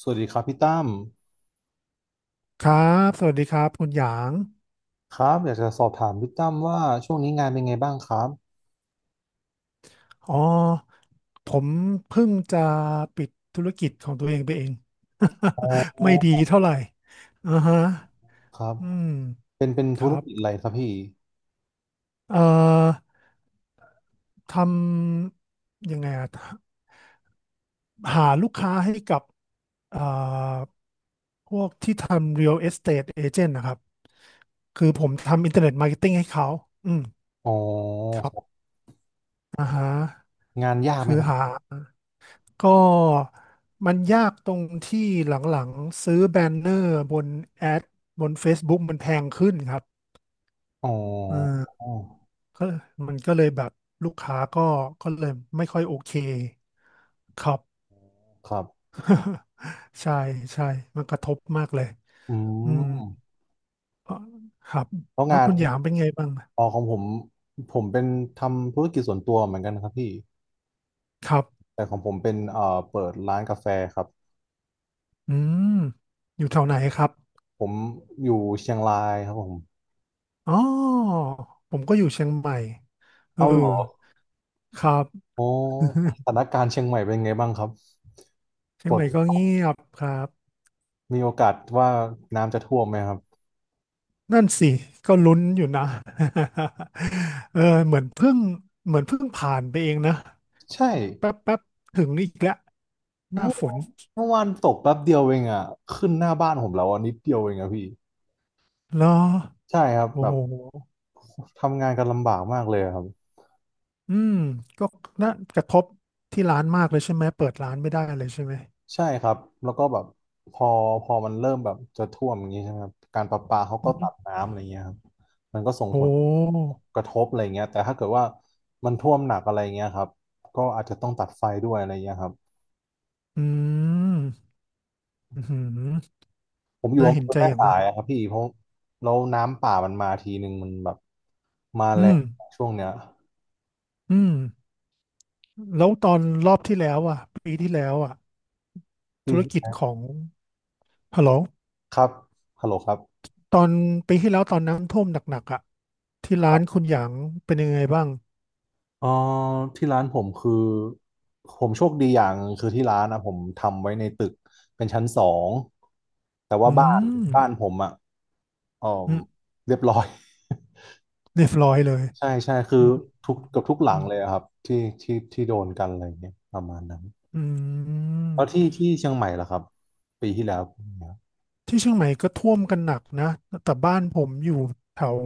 สวัสดีครับพี่ตั้มครับ สวัสดีครับคุณหยาง ครับอยากจะสอบถามพี่ตั้มว่าช่วงนี้งานเป็นไงบ้างครับอ๋อ ผมเพิ่งจะปิดธุรกิจของตัวเองไปเอง อ๋ อไม่ดีเท่าไหร่อ่าฮะครับอืม เป็นคธุรัรบ กิจอะไรครับพี่เอ่อ ทำยังไงอะหาลูกค้าให้กับ เอ่อพวกที่ทำ real estate agent นะครับ คือผมทำ internet marketing ให้เขา อืมอ๋อครับอ่าฮะงานยากไหมคือครับหา ก็มันยากตรงที่หลังๆซื้อแบนเนอร์บนแอดบน Facebook มันแพงขึ้นครับอ๋อเออก็มันก็เลยแบบลูกค้าก็เลยไม่ค่อยโอเคครับ ครับ ใช่ใช่มันกระทบมากเลยอือืมมเพราะครับแล้วแล้วงานคุณหยามเป็นไงบ้างอ๋อของผมผมเป็นทำธุรกิจส่วนตัวเหมือนกันครับพี่ครับแต่ของผมเป็นเปิดร้านกาแฟครับอืมอยู่แถวไหนครับผมอยู่เชียงรายครับผมอ๋อผมก็อยู่เชียงใหม่เออเอาเหรอครับ โอ้ส ถานการณ์เชียงใหม่เป็นไงบ้างครับเชียฝงใหนม่ก็เงียบครับมีโอกาสว่าน้ำจะท่วมไหมครับ นั่นสิก็ลุ้นอยู่นะ เออเหมือนเพิ่งเหมือนเพิ่งผ่านไปเองนะใช่แป๊บแป๊บถึงอีกแล้วหน้าเมื่อฝนเมื่อวานตกแป๊บเดียวเองอ่ะขึ้นหน้าบ้านผมแล้วอ่ะนิดเดียวเองอ่ะพี่เหรอใช่ครับแบโอ้บโหทำงานกันลำบากมากเลยอะครับอืมก็น่ากระทบที่ร้านมากเลยใช่ไหมเปิดร้านไม่ได้เลยใช่ไหมใช่ครับแล้วก็แบบพอพอมันเริ่มแบบจะท่วมอย่างนี้ใช่ไหมครับการประปาเขาก็อือฮึตัดน้ำอะไรเงี้ยครับมันก็ส่งผโอ้ลกระทบอะไรเงี้ยแต่ถ้าเกิดว่ามันท่วมหนักอะไรเงี้ยครับก็อาจจะต้องตัดไฟด้วยอะไรเงี้ยครับอืมอือหือผมอยู่น่าอำเภเห็นอใจแม่อย่างสามายกอะครับพี่เพราะแล้วน้ำป่ามันมาทีหนึ่งมันแบบมาอืแรมงช่วงเนี้ย อืมแล้วตอนรอบที่แล้วอ่ะปีที่แล้วอ่ะธุรกิจเฮ้ของฮัลโหล ครับฮัลโหลครับตอนปีที่แล้วตอนน้ำท่วมหนักๆอ่ะที่คร้ารันคุบณหยางเป็นยังไงบ้างเอ่อที่ร้านผมคือผมโชคดีอย่างงคือที่ร้านนะผมทำไว้ในตึกเป็นชั้นสองแต่ว่าอืบ้านมบ้านผมอ่ะเอ่ออืมเรียบร้อย เรียบร้อยเลยใช่ใช่คืออืมทุกเกับทุกหลัอืงมเลยอะครับที่ที่โดนกันอะไรเงี้ยประมาณนั้นอืแล้วที่มที่เชียงใหม่ล่ะครับปีที่แล้วเป็นไงครับที่เชียงใหม่ก็ท่วมกันหนักนะแต่บ้านผมอยู่แถว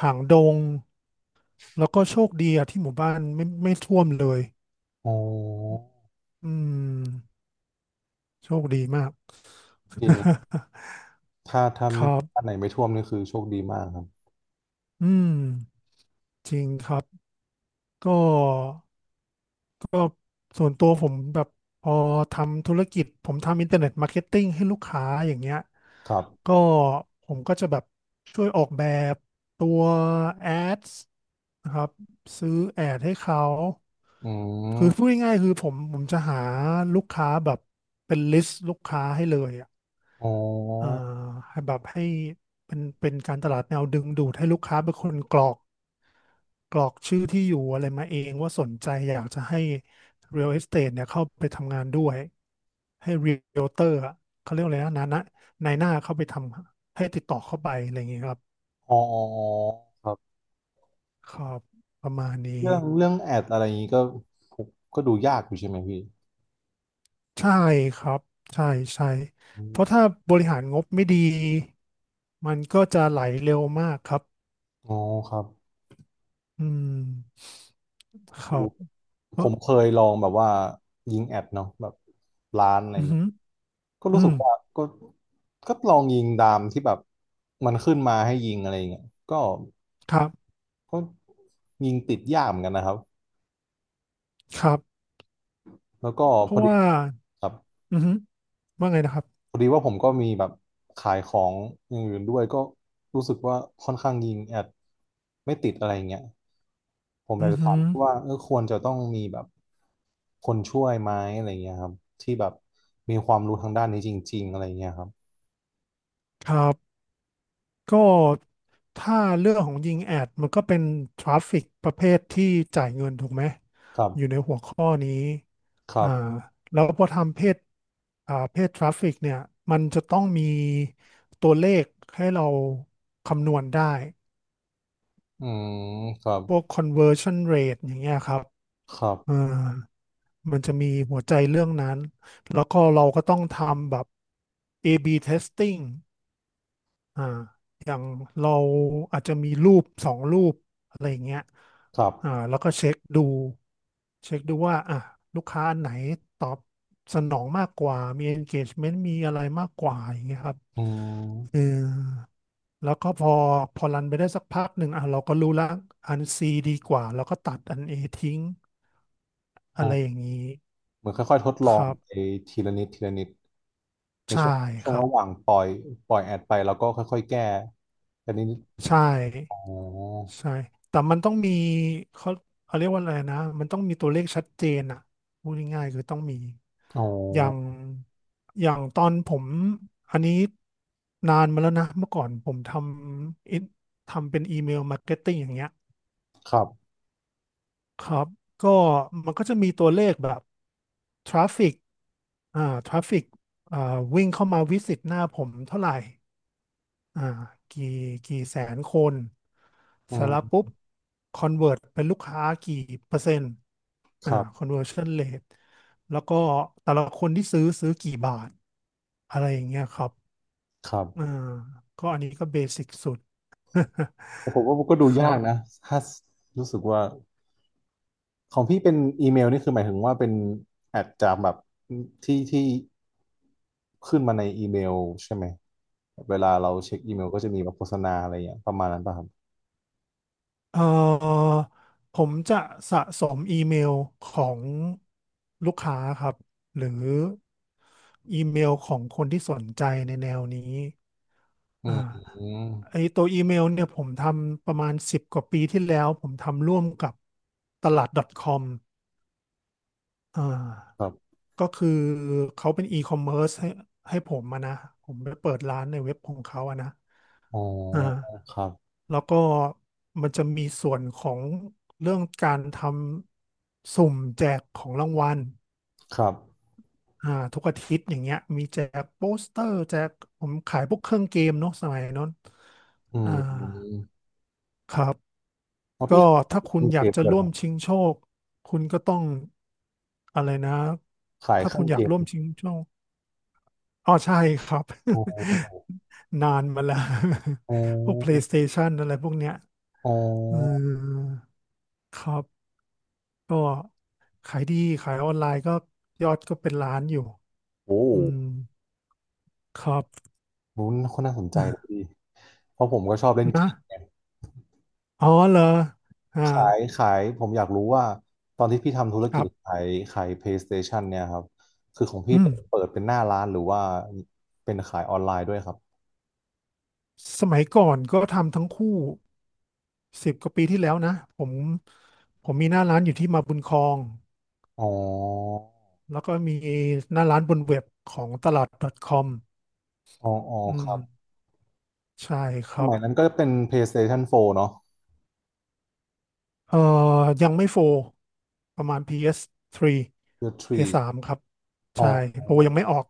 หางดงแล้วก็โชคดีอะที่หมู่บ้านไม่ท่วมเลยโอ้อืมโชคดีมาก จริงถ้า คไม่รับถ้าไหนไม่ท่วมนี่คือโชคดีมากครับอืมจริงครับก็ ส่วนตัวผมแบบพอทำธุรกิจผมทำอินเทอร์เน็ตมาร์เก็ตติ้งให้ลูกค้าอย่างเงี้ยครัก็บผมก็จะแบบช่วยออกแบบตัวแอดนะครับซื้อแอดให้เขาอืคือพูมดง่ายๆคือผมจะหาลูกค้าแบบเป็นลิสต์ลูกค้าให้เลยอะ อ๋อ อ่าให้แบบให้เป็นการตลาดแนวดึงดูดให้ลูกค้าเป็นคนกรอกชื่อที่อยู่อะไรมาเองว่าสนใจอยากจะให้ Real Estate เนี่ยเข้าไปทำงานด้วยให้ Realtor อะเขาเรียกอะไรนะนายหน้าเข้าไปทำให้ติดต่อเข้าไปอะไรอย่างเงี้ยครับอ๋อครับครับประมาณนี้เรื่องแอดอะไรอย่างนี้ก็ผมก็ดูยากอยู่ใช่ไหมพี่ใช่ครับใช่ใช่อเพราะมถ้าบริหารงบไม่ดีมันก็จะไหลเร็วมากครับอ๋อครับอืมครัดูบเอผอมเคยลองแบบว่ายิงแอดเนาะแบบร้านอะไรออืย่างเงี้ยม ก็อืรู้สึมกว่าก็ลองยิงตามที่แบบมันขึ้นมาให้ยิงอะไรอย่างเงี้ยก็ครับก็ยิงติดยากเหมือนกันนะครับครับแล้วก็เพพอราะดีว่าครับ อือฮึว่าไงนะครับพอดีว่าผมก็มีแบบขายของอย่างอื่นด้วยก็รู้สึกว่าค่อนข้างยิงแอดไม่ติดอะไรอย่างเงี้ยผมอยาอืกอจะฮึถามว่าเออควรจะต้องมีแบบคนช่วยไหมอะไรเงี้ยครับที่แบบมีความรู้ทางด้านนี้จริงๆอะไรเงี้ยครับครับก็ถ้าเรื่องของยิงแอดมันก็เป็นทราฟฟิกประเภทที่จ่ายเงินถูกไหมครัอยู่ในบหัวข้อนี้ครัอ่าบแล้วพอทำเพจเพจทราฟฟิกเนี่ยมันจะต้องมีตัวเลขให้เราคำนวณได้อืมครับพวก conversion rate อย่างเงี้ยครับครับอ่า มันจะมีหัวใจเรื่องนั้น แล้วก็เราก็ต้องทำแบบ A/B testing อ่าอย่างเราอาจจะมีรูปสองรูปอะไรอย่างเงี้ยครับแล้วก็เช็คดูว่าอ่ะลูกค้าอันไหนตอบสนองมากกว่า มี engagement มีอะไรมากกว่าอย่างเงี้ยครับอืเออมแล้วก็พอรันไปได้สักพักหนึ่งอ่ะเราก็รู้ละอัน C ดีกว่าแล้วก็ตัดอัน A ทิ้งอะโอ้ไรอย่างนี้เหมือนค่อยๆทดลอคงรับ ไปทีละนิดทีละนิดในใช่ช่วงครับ ระหว่างปล่อยแอดไปแล้วก็ค่อยๆแก้แต่นี้ใช่อ๋อใช่แต่มันต้องมีเขาเขาเรียกว่าอะไรนะมันต้องมีตัวเลขชัดเจนอ่ะพูดง่ายๆคือต้องมีอ๋อ อย่างอย่างตอนผมอันนี้นานมาแล้วนะเมื่อก่อนผมำอินทำเป็นอีเมลมาร์เก็ตติ้งอย่างเงี้ยครับครับก็มันก็จะมีตัวเลขแบบทราฟิกอ่าทราฟิกอ่าวิ่งเข้ามาวิสิตหน้าผมเท่าไหร่ อ่ากี่กี่แสนคนอืเสร็จแล้วมปุ๊บคอนเวิร์ตเป็นลูกค้ากี่เปอร์เซ็นต์ครับ conversion rate แล้วก็แต่ละคนที่ซื้อกี่บาทอะไรอย่างเงี้ยครับครัอ่าบ ก็อันนี้ก็เบสิกสุด ผมว่ามันก็ดู ครัยากบ นะถ้ารู้สึกว่าของพี่เป็นอีเมลนี่คือหมายถึงว่าเป็นแอดจากแบบที่ที่ขึ้นมาในอีเมลใช่ไหม เวลาเราเช็คอีเมลก็จะมีแบบโฆษณาอะไรอย่างเงี้ยประมาณนั้นป่ะครับเอ่อผมจะสะสมอีเมลของลูกค้าครับหรืออีเมลของคนที่สนใจในแนวนี้อือ่ามไอตัวอีเมลเนี่ยผมทำประมาณสิบกว่าปีที่แล้วผมทำร่วมกับตลาด .com อ่าครับก็คือเขาเป็นอีคอมเมิร์ซให้ผมมานะผมไปเปิดร้านในเว็บของเขาอะนะ อ๋ออ่าครับแล้วก็มันจะมีส่วนของเรื่องการทำสุ่มแจกของรางวัลครับอ่าทุกอาทิตย์อย่างเงี้ยมีแจกโปสเตอร์แจกผมขายพวกเครื่องเกมเนาะสมัยนั้นอือ่ามครับเพราะก็พี่ขาถ้ายเคคุณรื่องอเกยากมจะเลยเหรอร่วคมรับชิงโชคคุณก็ต้องอะไรนะขายถ้าเคคุรื่อณงอเกยากมร่วมชิงโชคอ๋อใช่ครับ อ๋อ นานมาแล้ว อ๋อ พวก PlayStation อะไรพวกเนี้ยอ๋อือมครับ ก็ขายดีขายออนไลน์ก็ยอดก็เป็นล้านอยู่โอ้ อืมครับ รู้นคนน่าสนใจดีเพราะผมก็ชอบเล่น เกนะมไงอ๋อเหรออ่าขายผมอยากรู้ว่าตอนที่พี่ทำธุรคกิรัจบขายขาย PlayStation เนี่ยครับคือของพี่อืมเป็นเปิดเป็นหน้าร้านหรือว่าเป็นขายออนไลน์ด้วยครับสมัยก่อนก็ทำทั้งคู่สิบกว่าปีที่แล้วนะผมผมมีหน้าร้านอยู่ที่มาบุญครองอ๋อแล้วก็มีหน้าร้านบนเว็บของตลาด .com อ๋ออ๋ออืคมรับใช่คสรับมัยนั้นก็เป็น PlayStation 4เนาะ เอ่อยังไม่โฟร์ประมาณ PS3 The Tree PS3 ครับอ๋อใช่โฟร์ยังไม่ออก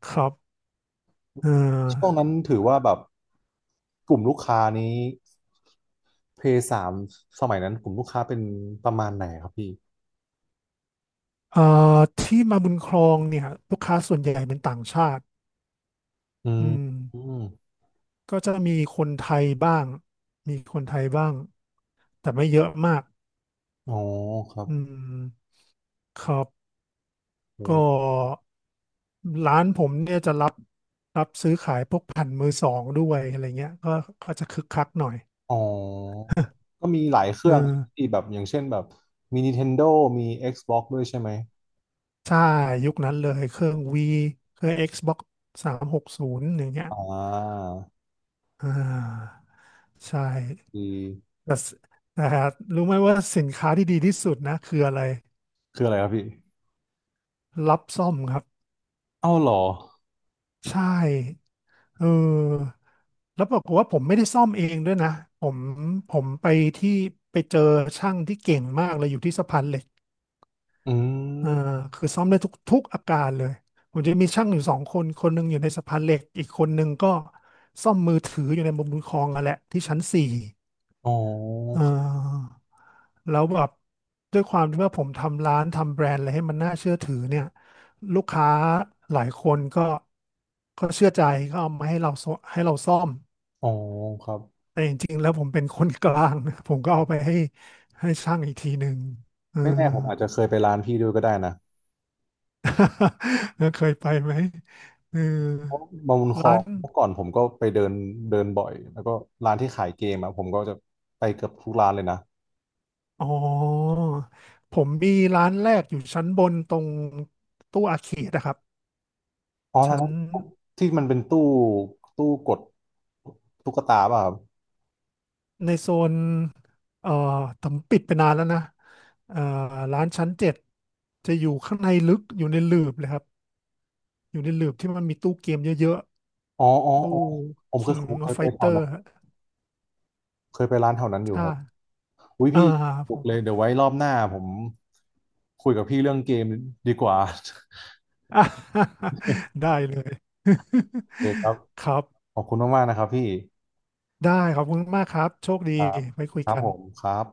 ครับเอช่วงอนั้นถือว่าแบบกลุ่มลูกค้านี้ PS3 สามสมัยนั้นกลุ่มลูกค้าเป็นประมาณไหนครับพี่เอ่ที่มาบุญครองเนี่ยลูกค้าส่วนใหญ่เป็นต่างชาติอือืมมอืมก็จะมีคนไทยบ้างมีคนไทยบ้างแต่ไม่เยอะมากอ๋อครับ อืมครับอืก็มร้านผมเนี่ยจะรับซื้อขายพวกแผ่นมือสองด้วยอะไรเงี้ยก็จะคึกคักหน่อยอ๋อก็มีหลายเคเอรื่อองที่แบบอย่างเช่นแบบมี Nintendo มี Xbox ด้วยใช่ไหมใช่ยุคนั้นเลยเครื่องวีเครื่อง Xbox 360อย่างเงี้ยอ่าอ่าใช่ ดีแต่สแต่รู้ไหมว่าสินค้าที่ดีที่สุดนะคืออะไรคืออะไรครับพี่รับซ่อมครับเอ้าเหรอใช่เออแล้วปรากฏว่าผมไม่ได้ซ่อมเองด้วยนะผมผมไปที่ไปเจอช่างที่เก่งมากเลยอยู่ที่สะพานเหล็กอืเออมคือซ่อมได้ทุกอาการเลยผมจะมีช่างอยู่สองคนคนหนึ่งอยู่ในสะพานเหล็กอีกคนหนึ่งก็ซ่อมมือถืออยู่ในมุมบุญครองนั่นแหละที่ชั้นสี่อ๋อเออ แล้วแบบด้วยความที่ว่าผมทำร้านทำแบรนด์อะไรให้มันน่าเชื่อถือเนี่ยลูกค้าหลายคนก็เชื่อใจก็เอามาให้เราซ่อให้เราซ่อมอ๋อครับแต่จริงๆแล้วผมเป็นคนกลาง นะผมก็อ๋อเอาไปให้ให้ช่างอีกทีหนึ่งเออ ไม่แน่ผมอาจจะเคยไปร้านพี่ด้วยก็ได้นะ แล้วเคยไปไหมเออเพราะบางบุญครอร้างนเมื่อก่อนผมก็ไปเดินเดินบ่อยแล้วก็ร้านที่ขายเกมอะผมก็จะไปเกือบทุกร้านเลยนะอ๋อผมมีร้านแรกอยู่ชั้นบนตรงตู้อาเขตนะครับอ๋อร้านชั้น นั้นที่มันเป็นตู้ตู้กดตุ๊กตาป่ะครับ ในโซนเอ่อผมปิดไปนานแล้วนะเอ่อร้านชั้นเจ็ดจะอยู่ข้างในลึกอยู่ในหลืบเลยครับอยู่ในหลืบที่มันมีตู้เกมเยอะอ๋ออ๋อๆตู้ อ๋อKing ผมเค of ยไปแถว Fighter นั้นเคยไปร้านแถวนั้นอยู่คถ้ารับ อุ้ยอ่าพี่ผถูกม เลยเดี๋ยวไว้รอบหน้าผมคุยกับพี่เรื่องเกมดีกว่า อ่ะ ได้เลย โอเคครับ ครับขอบคุณมากๆนะครับพี่ ได้ขอบคุณมากครับโชคดีครับไว้คุยครับกัผนมครับ